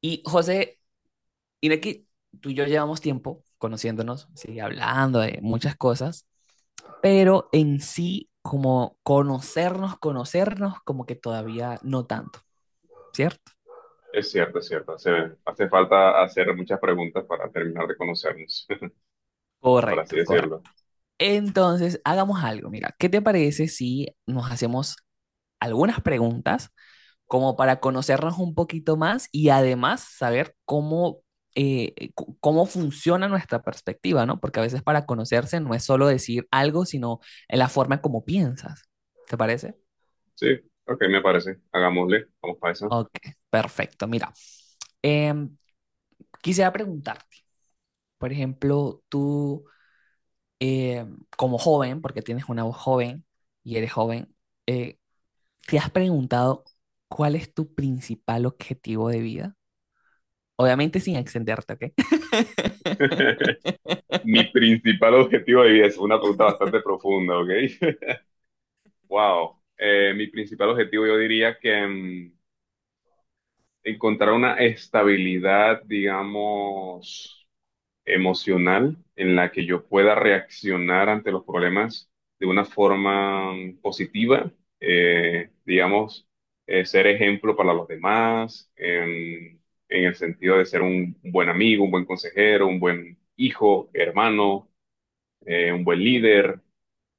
Y José, mira que tú y yo llevamos tiempo conociéndonos, sí, hablando de muchas cosas, pero en sí, como conocernos, conocernos, como que todavía no tanto, ¿cierto? Es cierto, es cierto. Hace falta hacer muchas preguntas para terminar de conocernos, por Correcto, así correcto. decirlo. Entonces, hagamos algo, mira, ¿qué te parece si nos hacemos algunas preguntas como para conocernos un poquito más y además saber cómo, cómo funciona nuestra perspectiva, ¿no? Porque a veces para conocerse no es solo decir algo, sino en la forma como piensas. ¿Te parece? Sí, ok, me parece. Hagámosle. Vamos para eso. Ok, perfecto. Mira, em, quisiera preguntarte, por ejemplo, tú como joven, porque tienes una voz joven y eres joven, eh, ¿te has preguntado cuál es tu principal objetivo de vida? Obviamente sin extenderte, ¿ok? Mi principal objetivo de vida es una pregunta bastante profunda, ¿ok? Wow. Mi principal objetivo yo diría que encontrar una estabilidad, digamos, emocional en la que yo pueda reaccionar ante los problemas de una forma positiva, digamos, ser ejemplo para los demás, en el sentido de ser un buen amigo, un buen consejero, un buen hijo, hermano, un buen líder,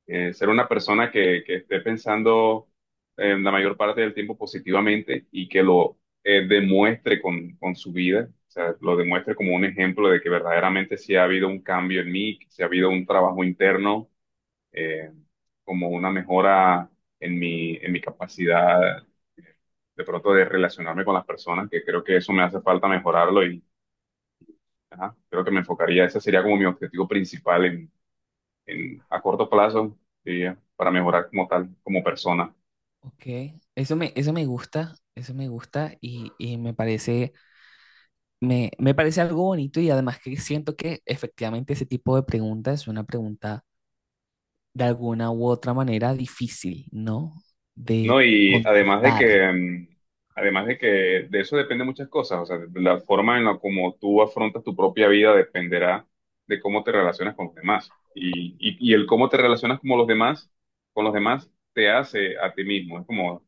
ser una persona que esté pensando en la mayor parte del tiempo positivamente y que lo demuestre con su vida, o sea, lo demuestre como un ejemplo de que verdaderamente sí ha habido un cambio en mí, que sí ha habido un trabajo interno, eh, como una mejora en en mi capacidad de pronto de relacionarme con las personas, que creo que eso me hace falta mejorarlo y ajá, creo que me enfocaría, ese sería como mi objetivo principal a corto plazo, diría, para mejorar como tal, como persona. Ok, eso me gusta y me parece, me parece algo bonito y además que siento que efectivamente ese tipo de pregunta es una pregunta de alguna u otra manera difícil, ¿no? De No, y además de contestar. que, mm, además de que de eso depende muchas cosas, o sea, la forma en la como tú afrontas tu propia vida dependerá de cómo te relacionas con los demás. Y el cómo te relacionas con los demás te hace a ti mismo. Es como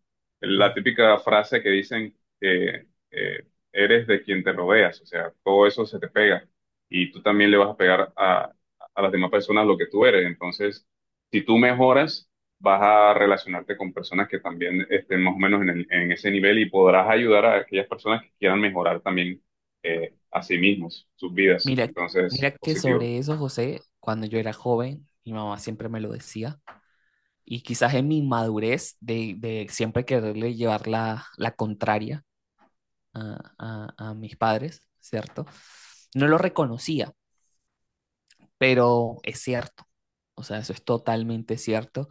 Mm. la típica frase que dicen que eres de quien te rodeas, o sea, todo eso se te pega y tú también le vas a pegar a las demás personas lo que tú eres. Entonces, si tú mejoras, vas a relacionarte con personas que también estén más o menos en, en ese nivel y podrás ayudar a aquellas personas que quieran mejorar también a sí mismos, sus vidas. Mira, Entonces, mira que positivo. sobre eso, José, cuando yo era joven, mi mamá siempre me lo decía y quizás en mi madurez de, siempre quererle llevar la, contraria a, mis padres, ¿cierto? No lo reconocía, pero es cierto, o sea, eso es totalmente cierto.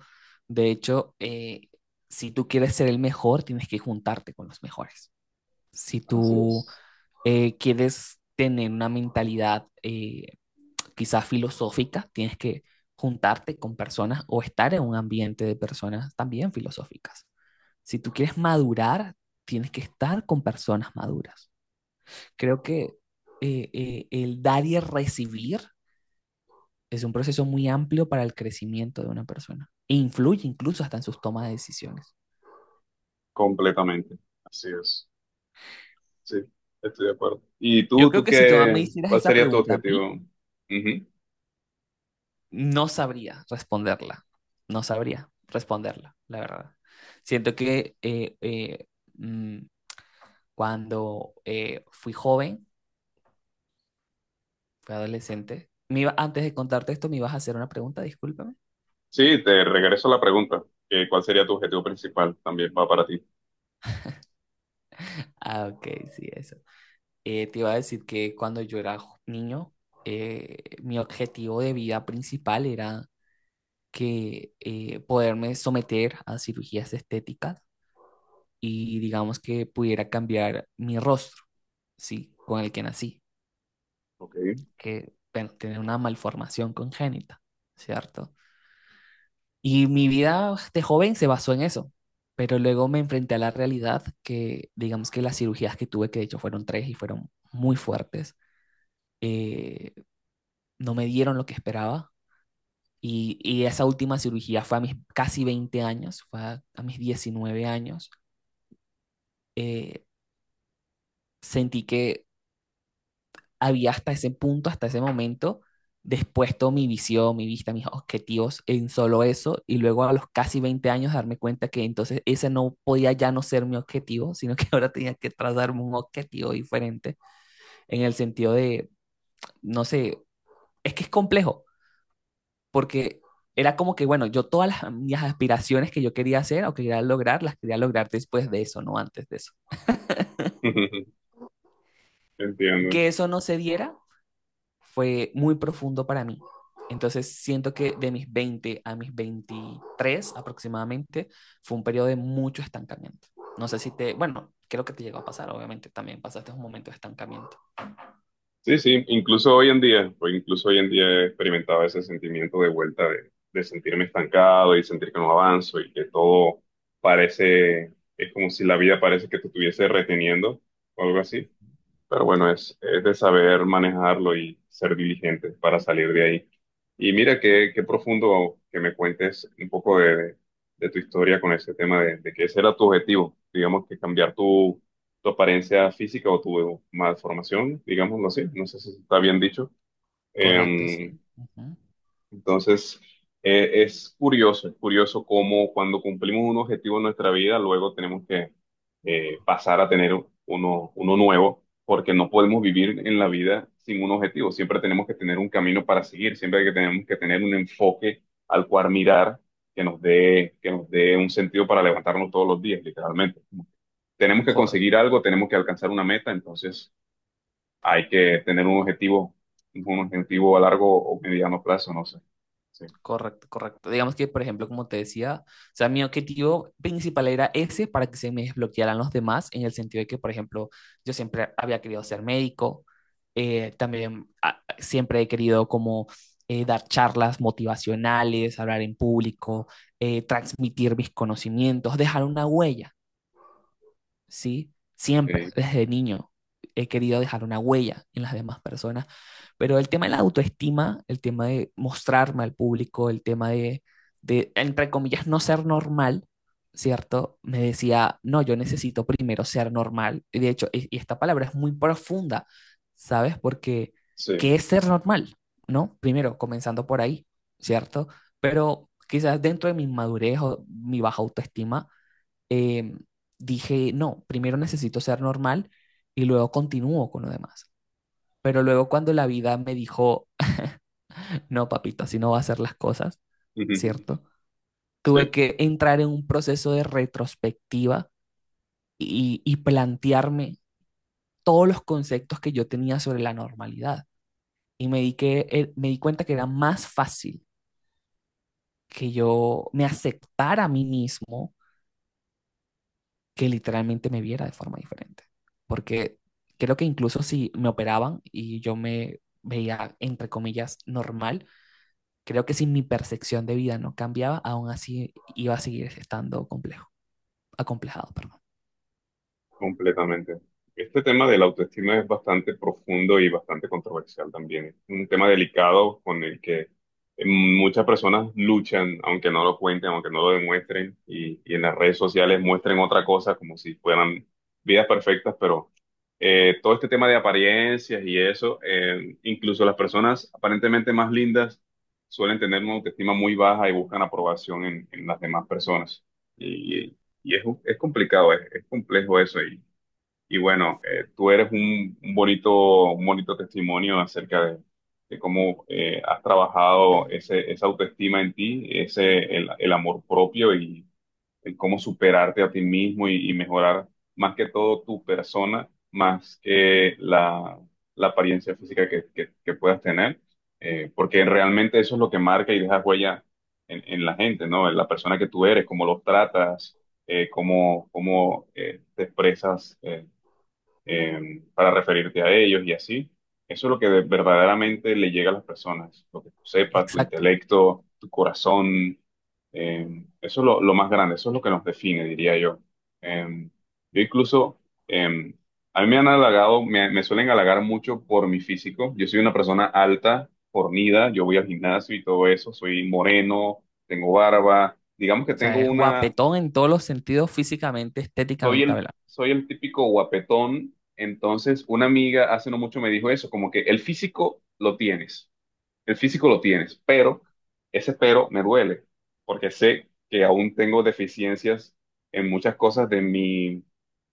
De hecho, si tú quieres ser el mejor, tienes que juntarte con los mejores. Si Así tú es. Quieres tener una mentalidad quizás filosófica, tienes que juntarte con personas o estar en un ambiente de personas también filosóficas. Si tú quieres madurar, tienes que estar con personas maduras. Creo que el dar y el recibir es un proceso muy amplio para el crecimiento de una persona e influye incluso hasta en sus tomas de decisiones. Completamente. Así es. Sí, estoy de acuerdo. ¿Y Yo tú, creo que si tú me hicieras cuál esa sería tu pregunta a mí, objetivo? Ujú. no sabría responderla, no sabría responderla, la verdad. Siento que mmm, cuando fui joven, fui adolescente, me iba, antes de contarte esto, me ibas a hacer una pregunta, discúlpame. Sí, te regreso la pregunta. Que ¿Cuál sería tu objetivo principal? También va para ti. Ah, ok, sí, eso. Te iba a decir que cuando yo era niño, mi objetivo de vida principal era que poderme someter a cirugías estéticas y digamos que pudiera cambiar mi rostro, ¿sí? Con el que nací, Ok. que, bueno, tener una malformación congénita, ¿cierto? Y mi vida de joven se basó en eso, pero luego me enfrenté a la realidad que, digamos que las cirugías que tuve, que de hecho fueron tres y fueron muy fuertes, eh, no me dieron lo que esperaba. Y esa última cirugía fue a mis casi 20 años, fue a mis 19 años. eh, sentí que había hasta ese punto, hasta ese momento, despuesto mi visión, mi vista, mis objetivos en solo eso, y luego a los casi 20 años darme cuenta que entonces ese no podía ya no ser mi objetivo, sino que ahora tenía que trazarme un objetivo diferente, en el sentido de, no sé, es que es complejo, porque era como que, bueno, yo todas las, mis aspiraciones que yo quería hacer o que quería lograr, las quería lograr después de eso, no antes de eso. Y Entiendo. que eso no se diera fue muy profundo para mí. Entonces siento que de mis 20 a mis 23 aproximadamente fue un periodo de mucho estancamiento. No sé si te, bueno, creo que te llegó a pasar, obviamente, también pasaste un momento de estancamiento. Sí, sí, incluso hoy en día he experimentado ese sentimiento de vuelta de sentirme estancado y sentir que no avanzo y que todo parece, es como si la vida parece que te estuviese reteniendo o algo así. Pero bueno, es de saber manejarlo y ser diligente para salir de ahí. Y mira qué profundo que me cuentes un poco tu historia con ese tema de que ese era tu objetivo, digamos que cambiar tu, tu apariencia física o tu malformación, digámoslo así, no sé si está bien dicho. Correcto, Em, sí. Ujú. entonces, es curioso cómo cuando cumplimos un objetivo en nuestra vida, luego tenemos que pasar a tener uno nuevo, porque no podemos vivir en la vida sin un objetivo. Siempre tenemos que tener un camino para seguir, siempre que tenemos que tener un enfoque al cual mirar que nos dé un sentido para levantarnos todos los días, literalmente. Tenemos que conseguir Correcto. algo, tenemos que alcanzar una meta, entonces hay que tener un objetivo a largo o mediano plazo, no sé. Sí. Correcto, correcto. Digamos que, por ejemplo, como te decía, o sea, mi objetivo principal era ese para que se me desbloquearan los demás, en el sentido de que, por ejemplo, yo siempre había querido ser médico, también siempre he querido como dar charlas motivacionales, hablar en público, transmitir mis conocimientos, dejar una huella. ¿Sí? Siempre, Eh, desde niño, he querido dejar una huella en las demás personas, pero el tema de la autoestima, el tema de mostrarme al público, el tema de, entre comillas, no ser normal, ¿cierto? Me decía, no, yo necesito primero ser normal. Y de hecho, y esta palabra es muy profunda, ¿sabes? Porque, sí, ¿qué es ser normal? ¿No? Primero, comenzando por ahí, ¿cierto? Pero quizás dentro de mi inmadurez o mi baja autoestima, eh, dije, no, primero necesito ser normal y luego continúo con lo demás. Pero luego cuando la vida me dijo, no, papito, así no va a hacer las cosas, ¿cierto? Tuve sí, que entrar en un proceso de retrospectiva y plantearme todos los conceptos que yo tenía sobre la normalidad. Y me di cuenta que era más fácil que yo me aceptara a mí mismo que literalmente me viera de forma diferente. Porque creo que incluso si me operaban y yo me veía, entre comillas, normal, creo que si mi percepción de vida no cambiaba, aún así iba a seguir estando complejo, acomplejado, perdón. completamente. Este tema de la autoestima es bastante profundo y bastante controversial también. Es un tema delicado con el que muchas personas luchan, aunque no lo cuenten, aunque no lo demuestren, y en las redes sociales muestren otra cosa como si fueran vidas perfectas, pero todo este tema de apariencias y eso, incluso las personas aparentemente más lindas suelen tener una autoestima muy baja y buscan aprobación en las demás personas. Y es complicado, es complejo eso. Y bueno, tú eres un bonito testimonio acerca de cómo has trabajado esa autoestima en ti, el amor propio. Y, el cómo superarte a ti mismo y mejorar más que todo tu persona, más que la apariencia física que puedas tener, porque realmente eso es lo que marca y deja huella en la gente, ¿no? En la persona que tú eres, cómo los tratas, cómo te expresas, para referirte a ellos y así. Eso es lo que verdaderamente le llega a las personas, lo que tú sepas, tu Exacto. intelecto, tu corazón. Eso es lo más grande, eso es lo que nos define, diría yo. Eh, yo incluso, eh, a mí me han halagado, me suelen halagar mucho por mi físico. Yo soy una persona alta, fornida, yo voy al gimnasio y todo eso, soy moreno, tengo barba. Digamos que O tengo sea, es una, guapetón en todos los sentidos, físicamente, estéticamente hablando. soy el típico guapetón. Entonces una amiga hace no mucho me dijo eso, como que el físico lo tienes, el físico lo tienes, pero ese pero me duele, porque sé que aún tengo deficiencias en muchas cosas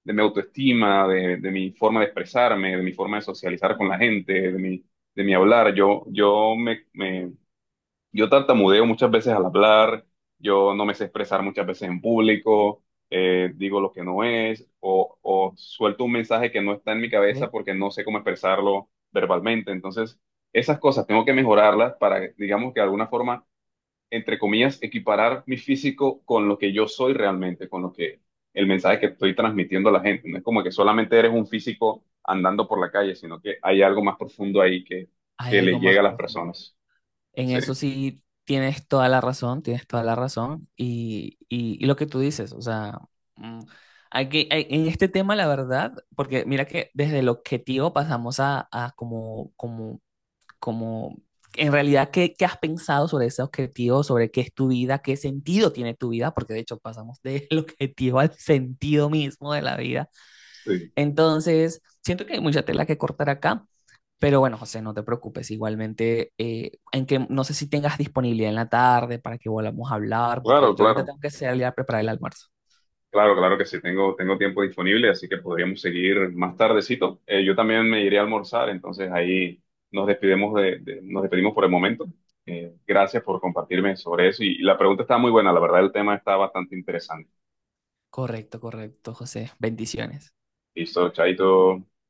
de mi autoestima, de mi forma de expresarme, de mi forma de socializar con la gente, de mi hablar. Yo me, me yo tartamudeo muchas veces al hablar, yo no me sé expresar muchas veces en público, digo lo que no es, o suelto un mensaje que no está en mi ¿Ok? cabeza porque no sé cómo expresarlo verbalmente. Entonces, esas cosas tengo que mejorarlas para, digamos que de alguna forma, entre comillas, equiparar mi físico con lo que yo soy realmente, con lo que el mensaje que estoy transmitiendo a la gente. No es como que solamente eres un físico andando por la calle, sino que hay algo más profundo ahí Hay que le algo llega más a las profundo. personas. En Sí, eso sí tienes toda la razón, tienes toda la razón. Y lo que tú dices, o sea, mm, hay que, hay- en este tema, la verdad, porque mira que desde el objetivo pasamos a como, como, como, en realidad, ¿qué, qué has pensado sobre ese objetivo, sobre qué es tu vida, qué sentido tiene tu vida? Porque de hecho pasamos del objetivo al sentido mismo de la vida. sí. Entonces, siento que hay mucha tela que cortar acá, pero bueno, José, no te preocupes. Igualmente, en que no sé si tengas disponibilidad en la tarde para que volvamos a hablar, Claro, porque yo ahorita claro, tengo que salir a preparar el almuerzo. claro, claro que sí, tengo, tengo tiempo disponible, así que podríamos seguir más tardecito. Yo también me iré a almorzar, entonces ahí nos despedimos nos despedimos por el momento. Gracias por compartirme sobre eso y la pregunta está muy buena, la verdad el tema está bastante interesante. Correcto, correcto, José. Bendiciones. Listo, chaito.